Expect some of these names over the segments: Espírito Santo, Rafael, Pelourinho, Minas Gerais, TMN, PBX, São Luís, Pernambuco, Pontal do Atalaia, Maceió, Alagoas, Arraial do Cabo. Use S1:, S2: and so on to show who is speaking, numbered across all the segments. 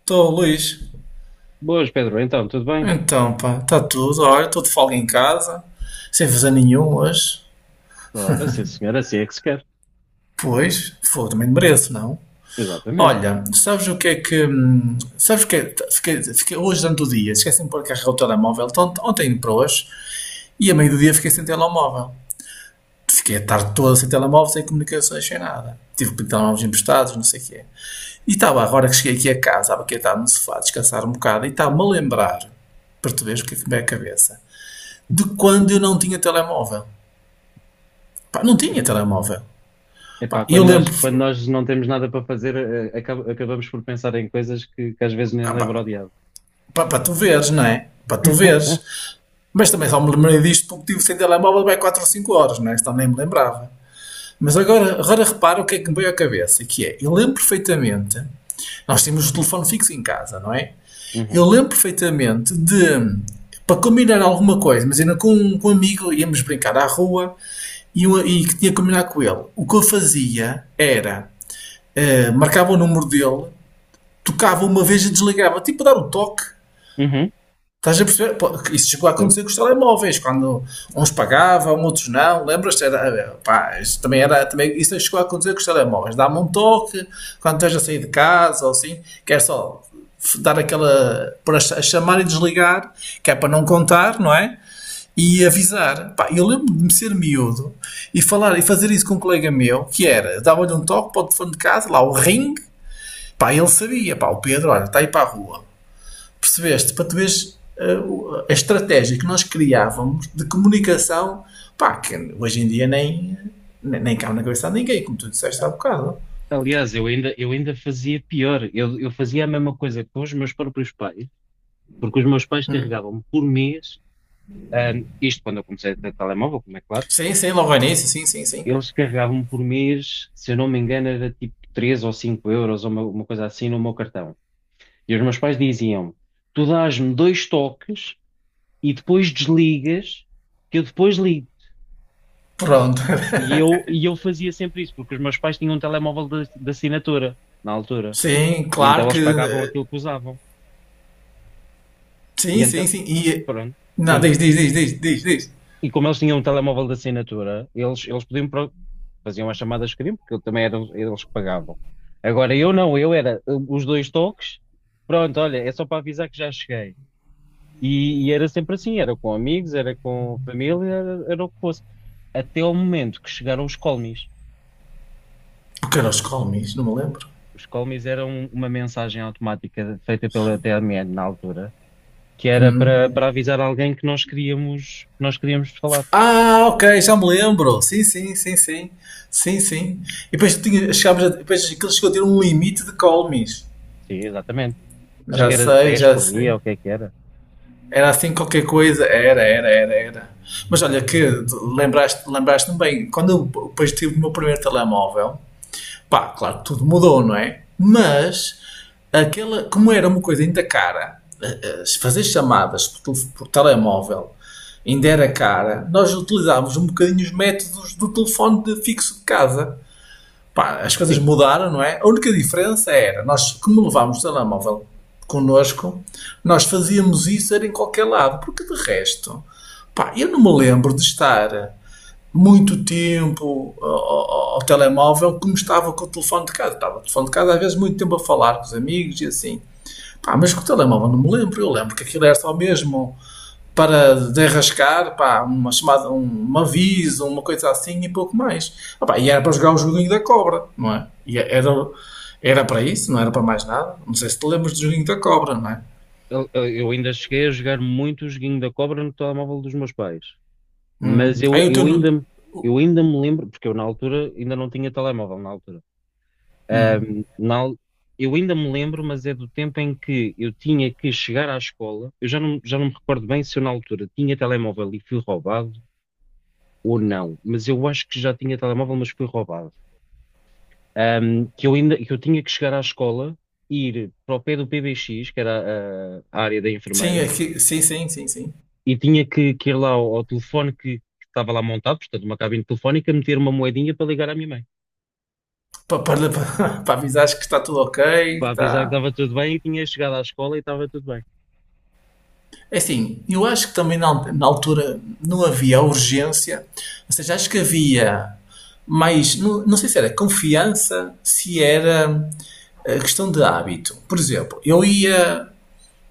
S1: Estou, Luís.
S2: Boas, Pedro. Então, tudo bem?
S1: Então, pá, está tudo. Olha, estou de folga em casa, sem fazer nenhum hoje.
S2: Ora, sim, senhora, assim é que se quer.
S1: Pois, foda, também mereço, não?
S2: Exatamente.
S1: Olha, sabes o que é que. Sabes o que é. Fiquei hoje durante o dia, esqueci-me de pôr a carregar o telemóvel, de ontem para hoje, e a meio do dia fiquei sem telemóvel. Fiquei a tarde toda sem telemóvel, sem comunicações, sem nada. Tive que pedir telemóveis emprestados, não sei o quê. E estava, agora que cheguei aqui a casa, estava aqui a estar no sofá, a descansar um bocado, e estava-me a lembrar, para tu veres o que é que me veio à cabeça. De quando eu não tinha telemóvel. Pá, não tinha telemóvel. Pá,
S2: Epá,
S1: eu lembro.
S2: quando nós não temos nada para fazer, acabamos por pensar em coisas que às vezes nem
S1: Ah,
S2: lembro ao
S1: pá,
S2: diabo.
S1: pá, para tu veres, não é? Para tu veres. Mas também só me lembrei disto porque tive sem telemóvel bem 4 ou 5 horas, não é? Isto nem me lembrava. Mas agora, agora repara o que é que me veio à cabeça, que é, eu lembro perfeitamente, nós tínhamos o telefone fixo em casa, não é? Eu
S2: Uhum.
S1: lembro perfeitamente de, para combinar alguma coisa, imagina com um amigo íamos brincar à rua e que tinha que combinar com ele. O que eu fazia era, marcava o número dele, tocava uma vez e desligava, tipo dar um toque.
S2: Uhum.
S1: Estás a perceber? Pô, isso chegou a
S2: Percebo.
S1: acontecer com os telemóveis, quando uns pagavam, outros não. Lembras-te? Era, pá, isso também era, também, isso chegou a acontecer com os telemóveis. Dá-me um toque quando estás a sair de casa ou assim, que é só dar aquela. Para chamar e desligar, que é para não contar, não é? E avisar. Pá, eu lembro de me ser miúdo e falar e fazer isso com um colega meu, que era, dava-lhe um toque para o telefone de casa, lá o ring. Pá, ele sabia, pá, o Pedro, olha, está aí para a rua. Percebeste? Para tu veres a estratégia que nós criávamos de comunicação, pá, que hoje em dia nem, cabe na cabeça de ninguém, como tu disseste há bocado.
S2: Aliás, eu ainda fazia pior. Eu fazia a mesma coisa com os meus próprios pais, porque os meus pais carregavam-me por mês, isto quando eu comecei a ter telemóvel, como é claro.
S1: Sim, sim, logo ao início, sim, sim, sim.
S2: Eles carregavam-me por mês, se eu não me engano, era tipo 3 ou 5 euros, ou uma coisa assim, no meu cartão. E os meus pais diziam: tu dás-me dois toques e depois desligas, que eu depois ligo.
S1: Pronto.
S2: E eu fazia sempre isso, porque os meus pais tinham um telemóvel de assinatura, na altura.
S1: Sim,
S2: E então
S1: claro que.
S2: eles pagavam aquilo que usavam. E
S1: Sim,
S2: então,
S1: sim, sim. E.
S2: pronto,
S1: Não,
S2: sim.
S1: diz, diz, diz, diz, diz, diz.
S2: E como eles tinham um telemóvel de assinatura, eles podiam, faziam as chamadas que queriam, porque também eram eles que pagavam. Agora eu não, eu era os dois toques, pronto, olha, é só para avisar que já cheguei. E era sempre assim, era com amigos, era com família, era o que fosse. Até ao momento que chegaram os colmies.
S1: Porque era os Colmis, não me lembro.
S2: Os colmies eram uma mensagem automática feita pela TMN na altura, que era para, para avisar alguém que nós queríamos falar.
S1: Ah, ok, já me lembro. Sim, sim, sim, sim. Sim, sim. E depois, tinha, chegámos a, depois aquilo chegou a ter um limite de Colmis.
S2: Sim, exatamente. Acho
S1: Já
S2: que era
S1: sei,
S2: dez
S1: já
S2: por dia,
S1: sei.
S2: ou o que é que era.
S1: Era assim qualquer coisa. Era, era, era, era. Mas olha que lembraste-me bem, quando eu depois tive o meu primeiro telemóvel, pá, claro que tudo mudou, não é? Mas aquela, como era uma coisa ainda cara, fazer chamadas por telemóvel ainda era cara, nós utilizávamos um bocadinho os métodos do telefone de fixo de casa. Pá, as coisas
S2: Sim,
S1: mudaram, não é? A única diferença era, nós, como levámos o telemóvel connosco, nós fazíamos isso era em qualquer lado, porque de resto, pá, eu não me lembro de estar muito tempo ao telemóvel como estava com o telefone de casa. Estava o telefone de casa às vezes muito tempo a falar com os amigos e assim. Pá, mas com o telemóvel não me lembro. Eu lembro que aquilo era só mesmo para derrascar pá, uma chamada, um aviso, uma coisa assim e pouco mais. Ah, pá, e era para jogar o joguinho da cobra, não é? E é, era, era para isso, não era para mais nada. Não sei se te lembras do joguinho da cobra, não é?
S2: eu ainda cheguei a jogar muito o joguinho da cobra no telemóvel dos meus pais.
S1: Hum.
S2: Mas
S1: Aí o teu.
S2: eu ainda me lembro, porque eu na altura ainda não tinha telemóvel na altura. Na Eu ainda me lembro, mas é do tempo em que eu tinha que chegar à escola. Eu já não me recordo bem se eu na altura tinha telemóvel e fui roubado ou não, mas eu acho que já tinha telemóvel, mas fui roubado. Que eu ainda, que eu tinha que chegar à escola, ir para o pé do PBX, que era a área da
S1: Sim,
S2: enfermeira,
S1: sim, sim, sim, sim.
S2: e tinha que ir lá ao, ao telefone que estava lá montado, portanto, uma cabine telefónica, meter uma moedinha para ligar à minha mãe,
S1: Para, para avisares que está tudo ok,
S2: para avisar que
S1: está.
S2: estava tudo bem e tinha chegado à escola e estava tudo bem.
S1: É assim, eu acho que também na, na altura não havia urgência, ou seja, acho que havia mais, não, não sei se era confiança, se era a questão de hábito. Por exemplo, eu ia,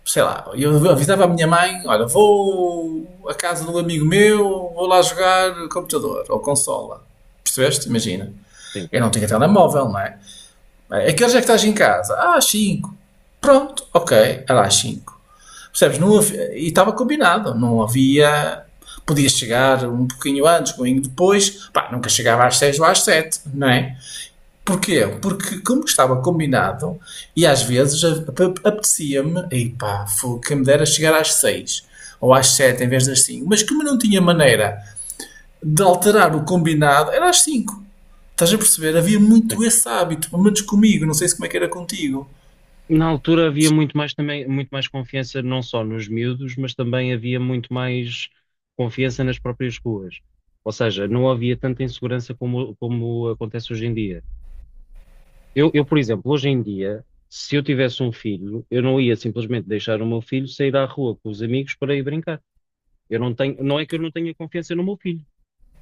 S1: sei lá, eu avisava a minha mãe, olha, vou à casa de um amigo meu, vou lá jogar computador ou consola. Percebeste? Imagina.
S2: Sim,
S1: Eu não tinha telemóvel, não é? É que horas é que estás em casa? Ah, às 5. Pronto, ok, era às 5. Percebes? Não havia, e estava combinado, não havia. Podia chegar um pouquinho antes, um pouquinho depois, pá, nunca chegava às 6 ou às 7, não é? Porquê? Porque, como estava combinado, e às vezes apetecia-me, e pá, fogo, quem me dera chegar às 6 ou às 7 em vez das 5, mas como não tinha maneira de alterar o combinado, era às 5. Estás a perceber? Havia
S2: sim.
S1: muito esse hábito, pelo menos comigo, não sei se como é que era contigo.
S2: Na altura havia
S1: Mas,
S2: muito mais também, muito mais confiança não só nos miúdos, mas também havia muito mais confiança nas próprias ruas. Ou seja, não havia tanta insegurança como, como acontece hoje em dia. Por exemplo, hoje em dia, se eu tivesse um filho, eu não ia simplesmente deixar o meu filho sair à rua com os amigos para ir brincar. Eu não tenho, não é que eu não tenha confiança no meu filho,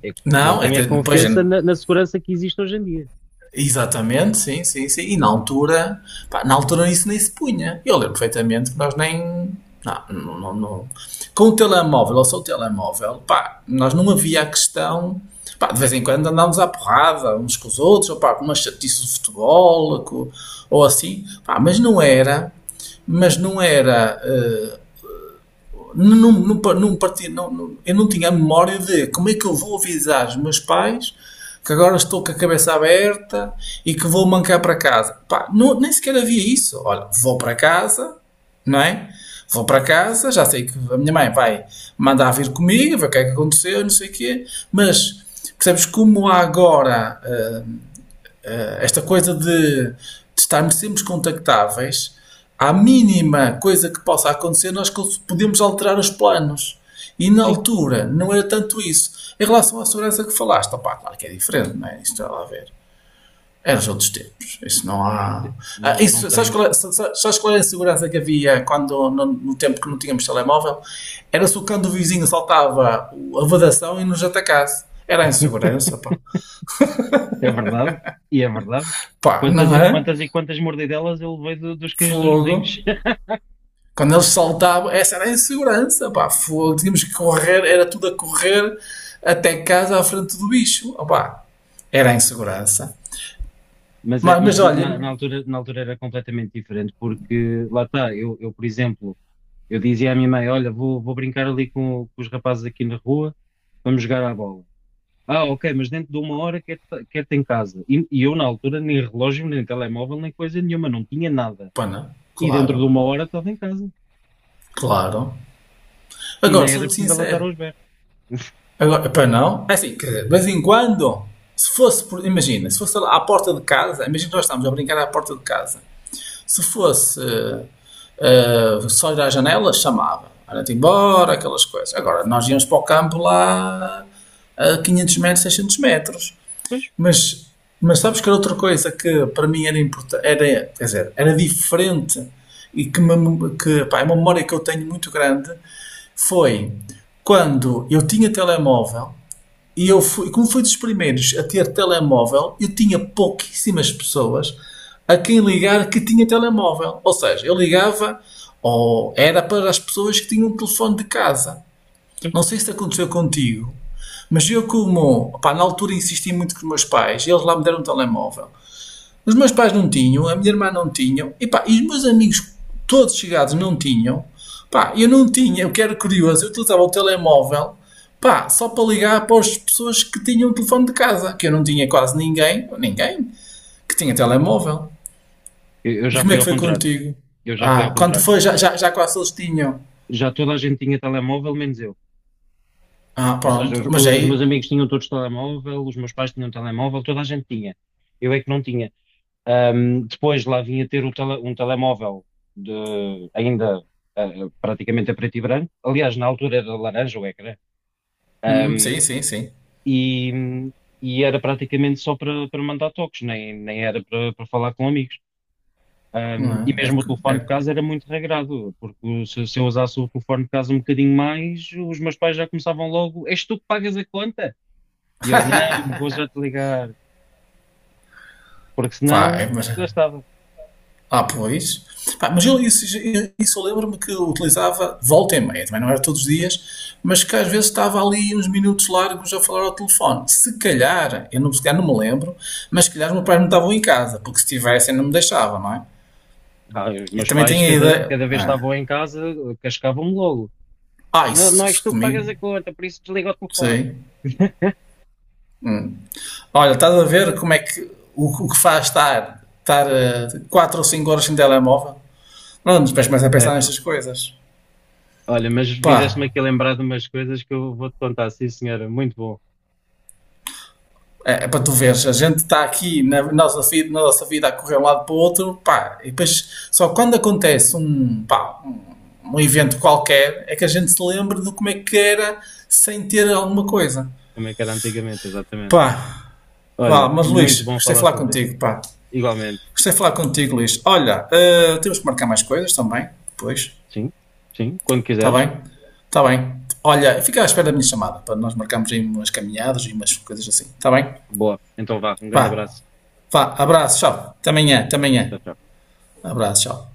S2: é que eu não
S1: não,
S2: tenho a
S1: até, pois,
S2: confiança na, na segurança que existe hoje em dia.
S1: exatamente, sim, sim, sim. E na altura, pá, na altura isso nem se punha. Eu lembro perfeitamente que nós nem. Não, não, não, não. Com o telemóvel ou só o telemóvel, pá, nós não havia a questão. Pá, de vez em quando andámos à porrada uns com os outros, ou pá, com uma chatice de futebol, ou assim, pá, mas não era. Mas não era. Não, não, não, partia, não, não, eu não tinha a memória de como é que eu vou avisar os meus pais que agora estou com a cabeça aberta e que vou mancar para casa. Pá, não, nem sequer havia isso. Olha, vou para casa, não é? Vou para casa, já sei que a minha mãe vai mandar vir comigo, ver o que é que aconteceu, não sei o quê, mas percebes como há agora esta coisa de estarmos sempre contactáveis, à mínima coisa que possa acontecer, nós podemos alterar os planos. E na
S2: Sim,
S1: altura não era tanto isso. Em relação à segurança que falaste, opá, claro que é diferente, não é? Isto está lá a ver. Eram os outros tempos. Isso não há. Ah,
S2: não, não
S1: isso, sabes,
S2: tenho.
S1: qual, sabes qual era a segurança que havia quando, no, no tempo que não tínhamos telemóvel? Era se o cão vizinho saltava a vedação e nos atacasse. Era a insegurança, pá.
S2: É verdade, e é verdade.
S1: Pá, não é?
S2: Quantas e quantas mordidelas eu levei dos cães dos
S1: Fogo.
S2: vizinhos.
S1: Quando eles saltavam, essa era a insegurança, pá, fogo, tínhamos que correr, era tudo a correr até casa à frente do bicho, opá, era a insegurança.
S2: Mas, é,
S1: Mas,
S2: mas na,
S1: olha,
S2: na altura era completamente diferente, porque lá está. Eu, dizia à minha mãe: olha, vou, vou brincar ali com os rapazes aqui na rua, vamos jogar à bola. Ah, ok, mas dentro de uma hora quero quero-te em casa. E eu na altura nem relógio, nem telemóvel, nem coisa nenhuma, não tinha nada.
S1: pá, não,
S2: E dentro de
S1: claro,
S2: uma hora estava em casa.
S1: claro.
S2: E
S1: Agora,
S2: nem era
S1: sou-te
S2: preciso ela estar
S1: sincero,
S2: aos berros.
S1: agora, para não, é assim, quer dizer, de vez em quando, se fosse, por, imagina, se fosse lá à porta de casa, imagina que nós estamos a brincar à porta de casa. Se fosse só ir à janela, chamava. Era-te embora, aquelas coisas. Agora, nós íamos para o campo lá a 500 metros, 600 metros.
S2: Pois,
S1: Mas, mas, sabes que era outra coisa que para mim era importante, era, quer dizer, era diferente e que, me, que pá, é uma memória que eu tenho muito grande foi quando eu tinha telemóvel e eu fui, como fui dos primeiros a ter telemóvel, eu tinha pouquíssimas pessoas a quem ligar que tinha telemóvel. Ou seja, eu ligava ou era para as pessoas que tinham um telefone de casa.
S2: pois.
S1: Não sei se aconteceu contigo, mas eu como, pá, na altura insisti muito com os meus pais, eles lá me deram um telemóvel. Os meus pais não tinham, a minha irmã não tinham, e pá, e os meus amigos todos chegados não tinham. Pá, eu não tinha, eu que era curioso, eu utilizava o telemóvel, pá, só para ligar para as pessoas que tinham o telefone de casa, que eu não tinha quase ninguém, ninguém, que tinha telemóvel.
S2: Eu
S1: E
S2: já
S1: como
S2: fui
S1: é que
S2: ao
S1: foi
S2: contrário.
S1: contigo?
S2: Eu já fui ao
S1: Ah, quando
S2: contrário.
S1: foi já, já, já quase eles tinham.
S2: Já toda a gente tinha telemóvel, menos eu.
S1: Ah,
S2: Ou seja,
S1: pronto, mas
S2: os meus
S1: aí,
S2: amigos tinham todos telemóvel, os meus pais tinham telemóvel, toda a gente tinha. Eu é que não tinha. Depois lá vinha ter um telemóvel de, ainda, ah, praticamente a preto e branco. Aliás, na altura era laranja o ecrã. Ahm,
S1: sim, sim, sim.
S2: e e era praticamente só para para mandar toques, nem era para para falar com amigos. E
S1: Não é? É,
S2: mesmo o telefone
S1: é,
S2: de casa era muito regrado, porque se eu usasse o telefone de casa um bocadinho mais, os meus pais já começavam logo: És tu que pagas a conta? E eu: Não, vou já te ligar, porque
S1: pá, é,
S2: senão
S1: mas
S2: gastava.
S1: Ah, pois. Pá, mas eu, isso eu lembro-me que eu utilizava de volta e meia, também não era todos os dias, mas que às vezes estava ali uns minutos largos a falar ao telefone. Se calhar, eu não, se calhar não me lembro, mas se calhar os meus pais não estavam em casa, porque se estivessem não me deixavam, não é?
S2: Ah, os
S1: Eu
S2: meus
S1: também
S2: pais,
S1: tenho a ideia.
S2: cada vez que
S1: Ah,
S2: estavam em casa, cascavam-me logo:
S1: ah
S2: Não, não
S1: isso,
S2: és
S1: isso
S2: tu que pagas
S1: comigo,
S2: a conta, por isso desliga o telefone.
S1: sei. Olha, estás a ver como é que o que faz estar, estar 4 ou cinco horas sem telemóvel? Não, mas depois começa a pensar
S2: Epá,
S1: nestas coisas.
S2: olha, mas fizeste-me
S1: Pá,
S2: aqui lembrar de umas coisas que eu vou-te contar, sim senhora, muito bom,
S1: é, é para tu veres, a gente está aqui na nossa vida a correr um lado para o outro, pá, e depois só quando acontece um, pá, um, evento qualquer é que a gente se lembra de como é que era sem ter alguma coisa.
S2: como é que era antigamente, exatamente.
S1: Pá, vá,
S2: Olha,
S1: mas
S2: muito
S1: Luís,
S2: bom
S1: gostei de
S2: falar
S1: falar
S2: sobre isto,
S1: contigo, pá.
S2: igualmente.
S1: Gostei de falar contigo, Luís. Olha, temos que marcar mais coisas também, depois,
S2: Sim, sim, quando
S1: está
S2: quiseres.
S1: bem? Está bem. Olha, fica à espera da minha chamada, para nós marcarmos aí umas caminhadas e umas coisas assim, está bem?
S2: Boa. Então vá, um grande
S1: Vá,
S2: abraço.
S1: vá, abraço, tchau. Até amanhã, até
S2: Tchau,
S1: amanhã.
S2: tchau.
S1: Um abraço, tchau.